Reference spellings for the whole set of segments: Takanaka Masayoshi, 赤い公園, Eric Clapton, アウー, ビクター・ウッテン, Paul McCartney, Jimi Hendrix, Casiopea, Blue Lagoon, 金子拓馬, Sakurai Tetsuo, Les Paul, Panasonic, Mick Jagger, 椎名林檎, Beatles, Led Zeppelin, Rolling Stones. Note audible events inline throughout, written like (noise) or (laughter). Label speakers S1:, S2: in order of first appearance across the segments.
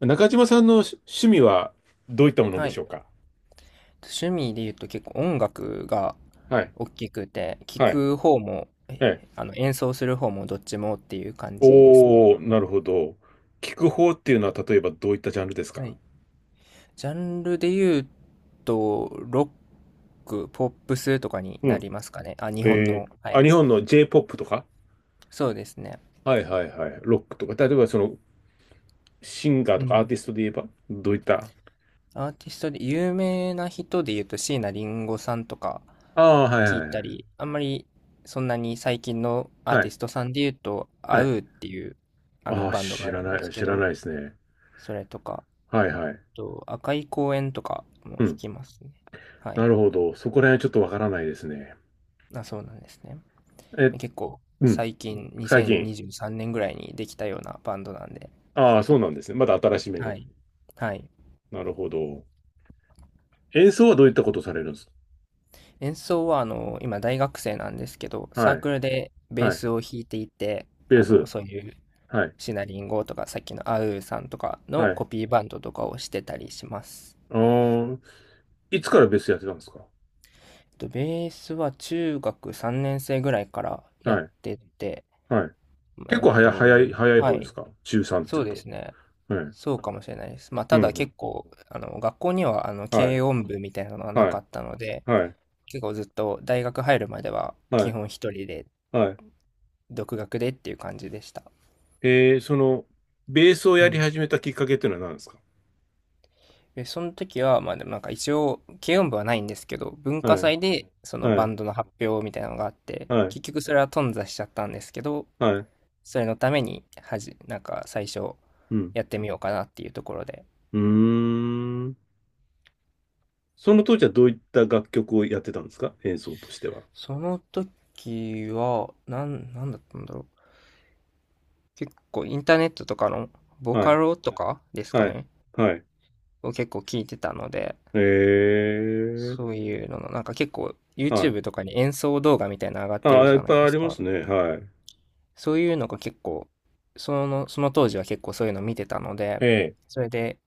S1: 中島さんの趣味はどういったもの
S2: は
S1: でし
S2: い。
S1: ょうか？
S2: 趣味で言うと結構音楽が
S1: はい。
S2: 大きくて、聴
S1: はい。
S2: く方も、
S1: ええ。
S2: えあの演奏する方もどっちもっていう感じですね。
S1: おー、なるほど。聞く方っていうのは例えばどういったジャンルです
S2: は
S1: か？
S2: い。ジャンルで言うと、ロック、ポップスとかに
S1: う
S2: な
S1: ん。
S2: りますかね。あ、日本
S1: え
S2: の。は
S1: あ、
S2: い。
S1: 日本の J-POP とか。
S2: そうですね。
S1: はいはいはい。ロックとか。例えばそのシンガー
S2: う
S1: とかアー
S2: ん。
S1: ティストで言えばどういった。
S2: アーティストで有名な人で言うと椎名林檎さんとか
S1: ああ、はい
S2: 聞い
S1: はい
S2: た
S1: はい。
S2: り、あんまりそんなに最近のアー
S1: は
S2: テ
S1: い。
S2: ィストさんで言うと、
S1: は
S2: アウ
S1: い。
S2: ーっていうあの
S1: ああ、
S2: バンドが
S1: 知
S2: あ
S1: ら
S2: るん
S1: な
S2: です
S1: い、
S2: け
S1: 知らな
S2: ど、
S1: いですね。
S2: それとか、
S1: はいはい。
S2: あと赤い公園とかも
S1: う
S2: 聞
S1: ん。
S2: きますね。はい。
S1: なるほど。そこら辺はちょっとわからないですね。
S2: あ、そうなんですね。
S1: え、
S2: 結構
S1: うん。
S2: 最近
S1: 最近。
S2: 2023年ぐらいにできたようなバンドなんで。
S1: ああ、そうなんですね。まだ新しめ
S2: は
S1: の。
S2: い。はい。
S1: なるほど。演奏はどういったことされるんですか？
S2: 演奏は今大学生なんですけど、サ
S1: は
S2: ー
S1: い、
S2: クルでベー
S1: はい、
S2: スを弾いていて、
S1: ベース、
S2: そういう
S1: はい、
S2: シナリンゴとかさっきのアウーさんとか
S1: は
S2: のコ
S1: い。
S2: ピーバンドとかをしてたりします。
S1: あー、いつからベースやってたんですか？
S2: ベースは中学3年生ぐらいからやっ
S1: はい、
S2: てて、
S1: はい。結
S2: えっ
S1: 構早い、
S2: と、
S1: 早い、早い
S2: は
S1: 方です
S2: い。
S1: か、中3って
S2: そ
S1: い
S2: う
S1: う
S2: で
S1: と？
S2: すね。
S1: はい、
S2: そうかもしれないです。まあ、
S1: う
S2: た
S1: ん、
S2: だ
S1: う
S2: 結
S1: ん。
S2: 構、学校には、
S1: はい、
S2: 軽音部みたいなのがな
S1: は
S2: か
S1: い、
S2: ったので、
S1: はい、
S2: 結構ずっと大学入るまでは、
S1: は
S2: 基
S1: い、
S2: 本一人で、
S1: はい。
S2: 独学でっていう感じでした。
S1: その、ベースを
S2: う
S1: やり
S2: ん。
S1: 始めたきっかけっていうのは何ですか？
S2: で、その時は、まあ、でもなんか一応、軽音部はないんですけど、文
S1: は
S2: 化
S1: い、
S2: 祭で、その
S1: は
S2: バ
S1: い、
S2: ンドの発表みたいなのがあって、
S1: はい、
S2: 結局それは頓挫しちゃったんですけど、
S1: はい、
S2: それのために、なんか最初、
S1: うん。
S2: やってみようかなっていうところで。
S1: うーん。その当時はどういった楽曲をやってたんですか、演奏としては？
S2: その時は、なんだったんだろう。結構インターネットとかのボ
S1: は
S2: カ
S1: い、
S2: ロとかですか
S1: はい、
S2: ね、
S1: はい。
S2: を結構聞いてたので、
S1: えー、
S2: そういうのの、なんか結構
S1: はい。
S2: YouTube とかに演奏動画みたいなの上がって
S1: あ
S2: る
S1: あ、
S2: じ
S1: いっ
S2: ゃな
S1: ぱ
S2: い
S1: い
S2: で
S1: あ
S2: す
S1: りま
S2: か。
S1: すね。はい。
S2: そういうのが結構、その当時は結構そういうの見てたので、
S1: ええ、
S2: それで、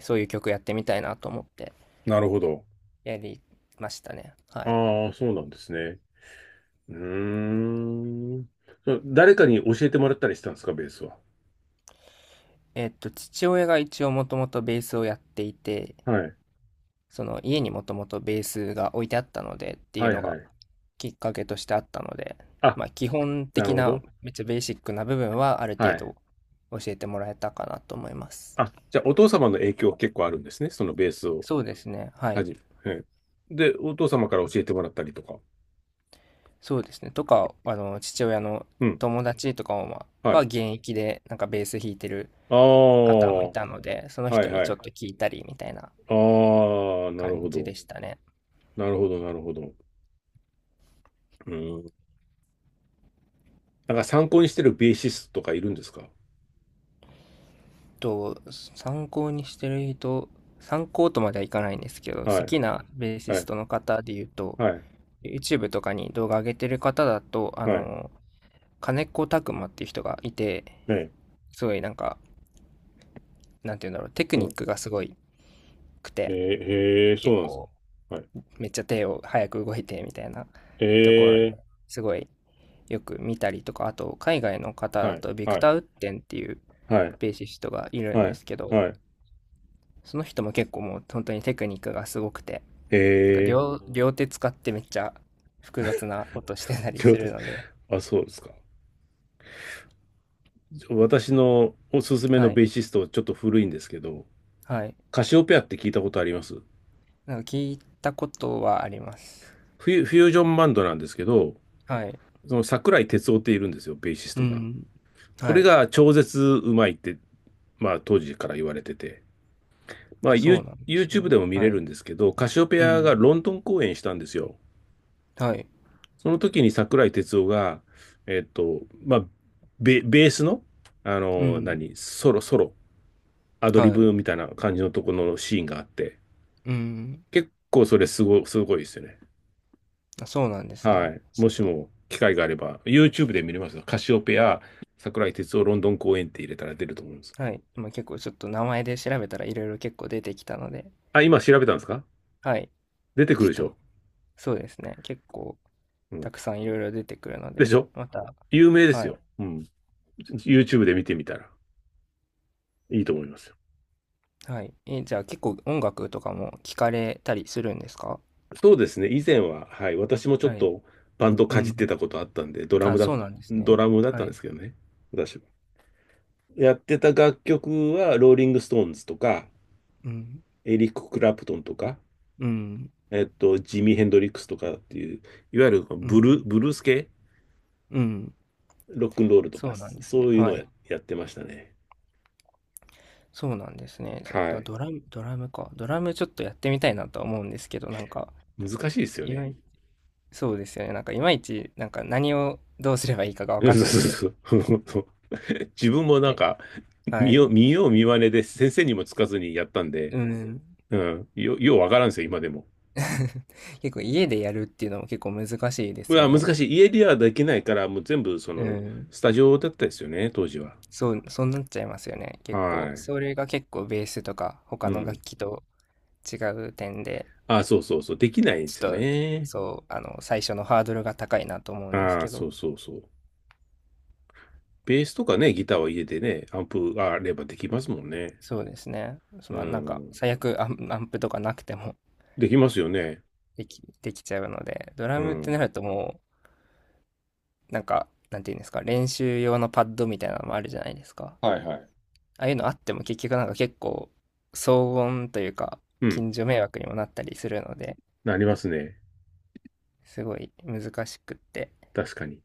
S2: そういう曲やってみたいなと思って
S1: なるほど。
S2: やりましたね。はい。
S1: ああ、そうなんですね。うーん。誰かに教えてもらったりしたんですか、ベースは？
S2: 父親が一応もともとベースをやっていて、
S1: はい。
S2: その家にもともとベースが置いてあったのでっていう
S1: はい
S2: の
S1: は
S2: が
S1: い。
S2: きっかけとしてあったので、
S1: あ、
S2: まあ、基本
S1: なる
S2: 的
S1: ほ
S2: な
S1: ど。
S2: めっちゃベーシックな部分はある
S1: は
S2: 程
S1: い。
S2: 度教えてもらえたかなと思います。
S1: あ、じゃあ、お父様の影響結構あるんですね。そのベースを
S2: そうですね。は
S1: は
S2: い。
S1: じめ。はい。で、お父様から教えてもらったりとか。
S2: そうですね。とか、父親の
S1: うん。
S2: 友達とかも、ま
S1: は
S2: あは
S1: い。
S2: 現役でなんかベース弾いてる
S1: あ
S2: 方も
S1: あ、
S2: い
S1: は
S2: たので、その人
S1: い
S2: に
S1: は
S2: ちょっ
S1: い。
S2: と聞いたりみたいな
S1: ああ、なるほ
S2: 感じ
S1: ど。
S2: でしたね。
S1: なるほど、なるほど。うん。なんか参考にしてるベーシストとかいるんですか？
S2: と、参考にしてる人、参考とまではいかないんですけど、好
S1: はい。
S2: きなベーシ
S1: は
S2: ス
S1: い。
S2: トの方で言うと、
S1: はい。
S2: YouTube とかに動画上げてる方だと、
S1: はい。
S2: 金子拓馬っていう人がいて、
S1: ええ。
S2: すごいなんか、なんて言うんだろう、テク
S1: う
S2: ニッ
S1: ん。
S2: クがすごいく
S1: え
S2: て、
S1: え、へえ、そう
S2: 結
S1: なんです
S2: 構、
S1: か。はい。
S2: めっちゃ手を早く動いてみたいなところ
S1: え
S2: で
S1: え、
S2: すごいよく見たりとか、あと海外の方
S1: は
S2: だ
S1: い。
S2: とビ
S1: は
S2: ク
S1: い。
S2: ター・ウッテンっていう
S1: はい。
S2: ベーシストがいるん
S1: は
S2: で
S1: い。
S2: すけど、
S1: はい。
S2: その人も結構もう本当にテクニックがすごくて、
S1: え
S2: なんか
S1: え、
S2: 両手使ってめっちゃ複雑なことしてたり
S1: そう
S2: す
S1: で
S2: る
S1: す。
S2: ので、
S1: あ、そうですか。じゃあ私のおすすめ
S2: は
S1: のベ
S2: い。
S1: ーシスト、ちょっと古いんですけど、
S2: はい。
S1: カシオペアって聞いたことあります？
S2: なんか聞いたことはあります。
S1: フュージョンバンドなんですけど、
S2: はい。
S1: その桜井哲夫っているんですよ、ベーシス
S2: う
S1: トが。
S2: ん。
S1: こ
S2: は
S1: れ
S2: い。
S1: が超絶うまいって、まあ当時から言われてて、まあ、
S2: そうなんです
S1: YouTube
S2: ね。
S1: でも見
S2: は
S1: れる
S2: い。
S1: んですけど、カシオペ
S2: う
S1: アが
S2: ん。
S1: ロンドン公演したんですよ。
S2: はい。
S1: その時に桜井哲夫が、まあ、ベースの、
S2: うん。
S1: ソロ、アドリ
S2: はい。
S1: ブみたいな感じのところのシーンがあって、
S2: うん。
S1: 結構それすごいですよね。
S2: あ、そうなんです
S1: は
S2: ね。
S1: い。
S2: ち
S1: もし
S2: ょっと、
S1: も機会があれば、YouTube で見れますよ。カシオペア、桜井哲夫ロンドン公演って入れたら出ると思うんです。
S2: はい。今結構ちょっと名前で調べたらいろいろ結構出てきたので、
S1: あ、今調べたんですか？
S2: はい。
S1: 出てく
S2: ちょ
S1: る
S2: っ
S1: でしょ？
S2: と、そうですね。結構
S1: うん。
S2: たくさんいろいろ出てくるの
S1: で
S2: で、
S1: しょ？
S2: また、
S1: 有名で
S2: は
S1: すよ。
S2: い。
S1: うん。YouTube で見てみたらいいと思いますよ。
S2: はい。じゃあ結構音楽とかも聞かれたりするんですか？
S1: そうですね。以前は、はい。私もちょ
S2: は
S1: っ
S2: い。
S1: とバンド
S2: う
S1: かじっ
S2: ん。
S1: てたことあったんで、
S2: あ、そうなんです
S1: ド
S2: ね。
S1: ラムだっ
S2: は
S1: たんで
S2: い。
S1: すけどね。私は。やってた楽曲は、ローリング・ストーンズとか、
S2: うん。
S1: エリック・クラプトンとか、
S2: うん。
S1: ジミー・ヘンドリックスとかっていう、いわゆる
S2: うん。
S1: ブルース系、
S2: うん。
S1: ロックンロールとか、
S2: そうなんです
S1: そ
S2: ね。
S1: ういうの
S2: は
S1: を
S2: い。
S1: やってましたね。
S2: そうなんですね。じゃ
S1: は
S2: あ、あ、
S1: い。
S2: ドラムか。ドラムちょっとやってみたいなとは思うんですけど、なんか、
S1: 難しいですよ
S2: いま
S1: ね。
S2: いそうですよね。なんかいまいち、なんか何をどうすればいいかが分
S1: そう
S2: かんなくて。
S1: そうそう。(laughs) 自分もなん
S2: で、
S1: か、
S2: はい。
S1: 見よう見まねで先生にもつかずにやったんで、
S2: うん。
S1: うん、ようわからんですよ、今でも。
S2: (laughs) 結構家でやるっていうのも結構難しいです
S1: ま
S2: よ
S1: あ、
S2: ね。
S1: 難しい。家ではできないから、もう全部、そ
S2: う
S1: の、
S2: ん。
S1: スタジオだったですよね、当時は。
S2: そうなっちゃいますよね。
S1: は
S2: 結構、
S1: い。
S2: それが結構ベースとか
S1: う
S2: 他の楽
S1: ん。
S2: 器と違う点で、
S1: あ、そうそうそう。できないんで
S2: ち
S1: すよ
S2: ょっと、
S1: ね。
S2: そう、最初のハードルが高いなと思うんです
S1: ああ
S2: け
S1: そ
S2: ど、
S1: うそうそう。ベースとかね、ギターは家でね、アンプがあればできますもんね。
S2: そうですね。そ
S1: う
S2: のなんか、
S1: ん。
S2: 最悪アンプとかなくても
S1: できますよね。
S2: できちゃうので、ド
S1: う
S2: ラムってな
S1: ん。
S2: るともう、なんか、なんていうんですか、練習用のパッドみたいなのもあるじゃないですか。
S1: はいはい。
S2: ああいうのあっても結局なんか結構、騒音というか、
S1: うん。
S2: 近所迷惑にもなったりするので、
S1: なりますね。
S2: すごい難しくって。
S1: 確かに。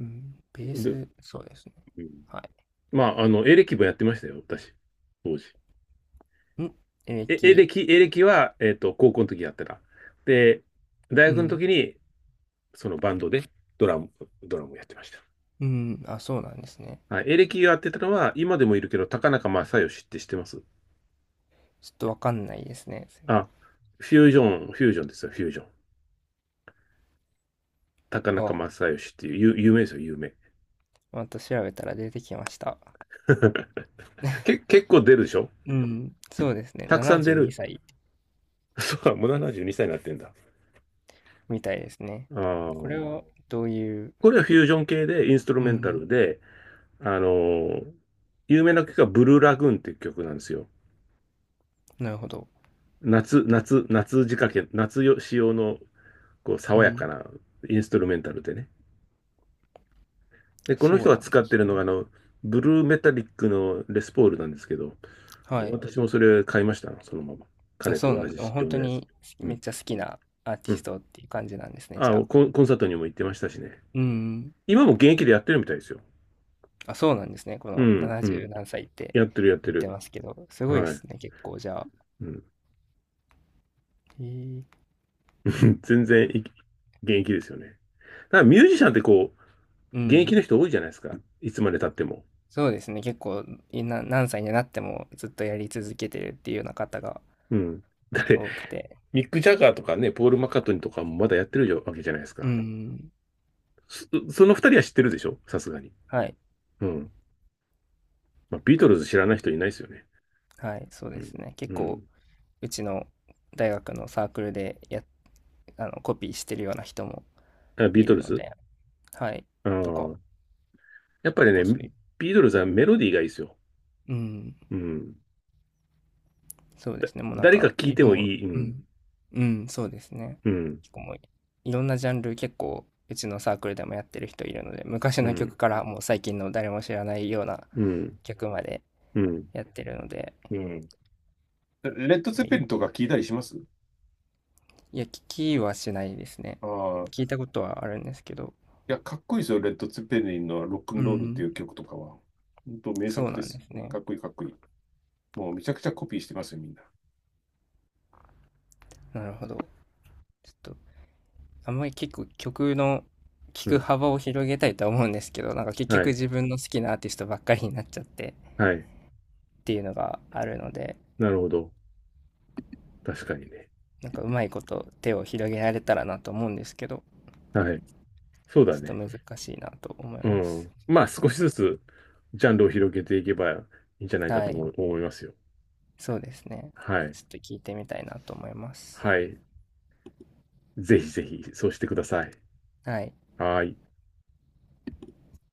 S2: うん、ベー
S1: で、
S2: ス、そうですね。
S1: うん、
S2: は
S1: まあ、エレキもやってましたよ、私。当時。
S2: い。歴、
S1: エレキは、高校の時やってた。で、大
S2: う
S1: 学の
S2: ん、
S1: 時にそのバンドでドラム、ドラムをやってまし
S2: うん、あ、そうなんですね。
S1: た。はい、エレキがやってたのは、今でもいるけど、高中正義って知ってます？
S2: ちょっとわかんないですね。ま
S1: あ、フュージョン、フュージョンですよ、フュージョン。高中
S2: あ、
S1: 正義っていう、有名ですよ、有名。
S2: また調べたら出てきました。
S1: (laughs) 結構出るでしょ？
S2: うん、そうですね。
S1: たくさん出
S2: 72
S1: る。
S2: 歳
S1: (laughs) そうか、もう72歳にさいになってんだ。
S2: みたいですね。
S1: あ
S2: これ
S1: ー、
S2: はどういう、
S1: これはフュージョン系で、インストル
S2: う
S1: メンタ
S2: ん、
S1: ルで、あのー有名な曲がブルーラグーンっていう曲なんですよ。
S2: なるほど。
S1: 夏仕掛け、夏よ仕様のこう
S2: う
S1: 爽やか
S2: ん、
S1: なインストルメンタルでね。で、この
S2: そう
S1: 人が
S2: なん
S1: 使
S2: で
S1: って
S2: す
S1: るのが、
S2: ね。
S1: ブルーメタリックのレスポールなんですけど、
S2: はい。
S1: 私もそれ買いました、そのまま。
S2: あ、
S1: 彼
S2: そう
S1: と
S2: な
S1: 同
S2: ん
S1: じ
S2: だ。
S1: 仕
S2: 本
S1: 様
S2: 当
S1: のやつ。
S2: に
S1: う
S2: め
S1: ん。
S2: っちゃ好きなアーテ
S1: う
S2: ィス
S1: ん。
S2: トっていう感じなんですね、じ
S1: あ、
S2: ゃあ。
S1: コンサートにも行ってましたしね。
S2: うん。
S1: 今も現役でやってるみたいですよ。
S2: あ、そうなんですね。こ
S1: う
S2: の
S1: ん、う
S2: 70
S1: ん。
S2: 何歳って
S1: やってる、やって
S2: 言って
S1: る。
S2: ますけど、すごいで
S1: はい。
S2: すね、結構じゃあ。
S1: うん、
S2: へえ。
S1: (laughs) 全然現役ですよね。だからミュージシャンってこう、
S2: う
S1: 現役の
S2: ん。
S1: 人多いじゃないですか。いつまで経っても。
S2: そうですね、結構何歳になってもずっとやり続けてるっていうような方が
S1: うん。だって、
S2: 多くて。
S1: ミック・ジャガーとかね、ポール・マッカートニーとかもまだやってるわけじゃないです
S2: う
S1: か。
S2: ん。
S1: その二人は知ってるでしょ？さすがに。
S2: はい、
S1: うん。まあ、ビートルズ知らない人いないですよね。
S2: はい、そう
S1: う
S2: で
S1: ん。
S2: すね。結
S1: う
S2: 構
S1: ん。
S2: うちの大学のサークルでやあの、コピーしてるような人も
S1: あ、ビー
S2: い
S1: ト
S2: る
S1: ル
S2: の
S1: ズ。
S2: で、はい、
S1: ああ
S2: とか、
S1: ー。やっぱり
S2: 結
S1: ね、
S2: 構そういう
S1: ビートルズはメロディーがいいですよ。
S2: うん。
S1: うん。
S2: そうで
S1: だ、
S2: すね、もうなん
S1: 誰か
S2: か、
S1: 聴い
S2: い
S1: ても
S2: もう、
S1: いい。う
S2: う
S1: ん。
S2: ん、うん、そうですね。
S1: うん。
S2: 結構もう、いろんなジャンル結構うちのサークルでもやってる人いるので、昔
S1: う
S2: の曲
S1: ん。
S2: からもう最近の誰も知らないような
S1: うん。
S2: 曲まで
S1: うん。
S2: やってるので、
S1: うん。レッド・ツェッペリ
S2: い
S1: ンとか聞いたりします？
S2: いや、聞きはしないですね。
S1: あ
S2: 聞
S1: あ。
S2: いたことはあるんですけど、
S1: いや、かっこいいですよ。レッド・ツェッペリンのロック
S2: う
S1: ンロールっていう
S2: ん、
S1: 曲とかは。本当名
S2: そう
S1: 作
S2: な
S1: で
S2: んで
S1: す。
S2: すね。
S1: かっこいいかっこいい。もうめちゃくちゃコピーしてますよ、みんな。
S2: なるほど。ちょっと、あんまり結構曲の聞
S1: う
S2: く
S1: ん。
S2: 幅を広げたいとは思うんですけど、なんか結
S1: は
S2: 局
S1: い。
S2: 自分の好きなアーティストばっかりになっちゃって
S1: はい。
S2: っていうのがあるので、
S1: なるほど。確かにね。
S2: なんかうまいこと手を広げられたらなと思うんですけど、
S1: はい。そう
S2: ち
S1: だ
S2: ょ
S1: ね。
S2: っと難しいなと思い
S1: う
S2: ます。
S1: ん。まあ、少しずつジャンルを広げていけばいいんじゃないか
S2: は
S1: と
S2: い。
S1: 思いますよ。
S2: そうですね。
S1: はい。
S2: ちょっと聞いてみたいなと思います。
S1: はい。ぜひぜひ、そうしてください。
S2: はい。
S1: はい。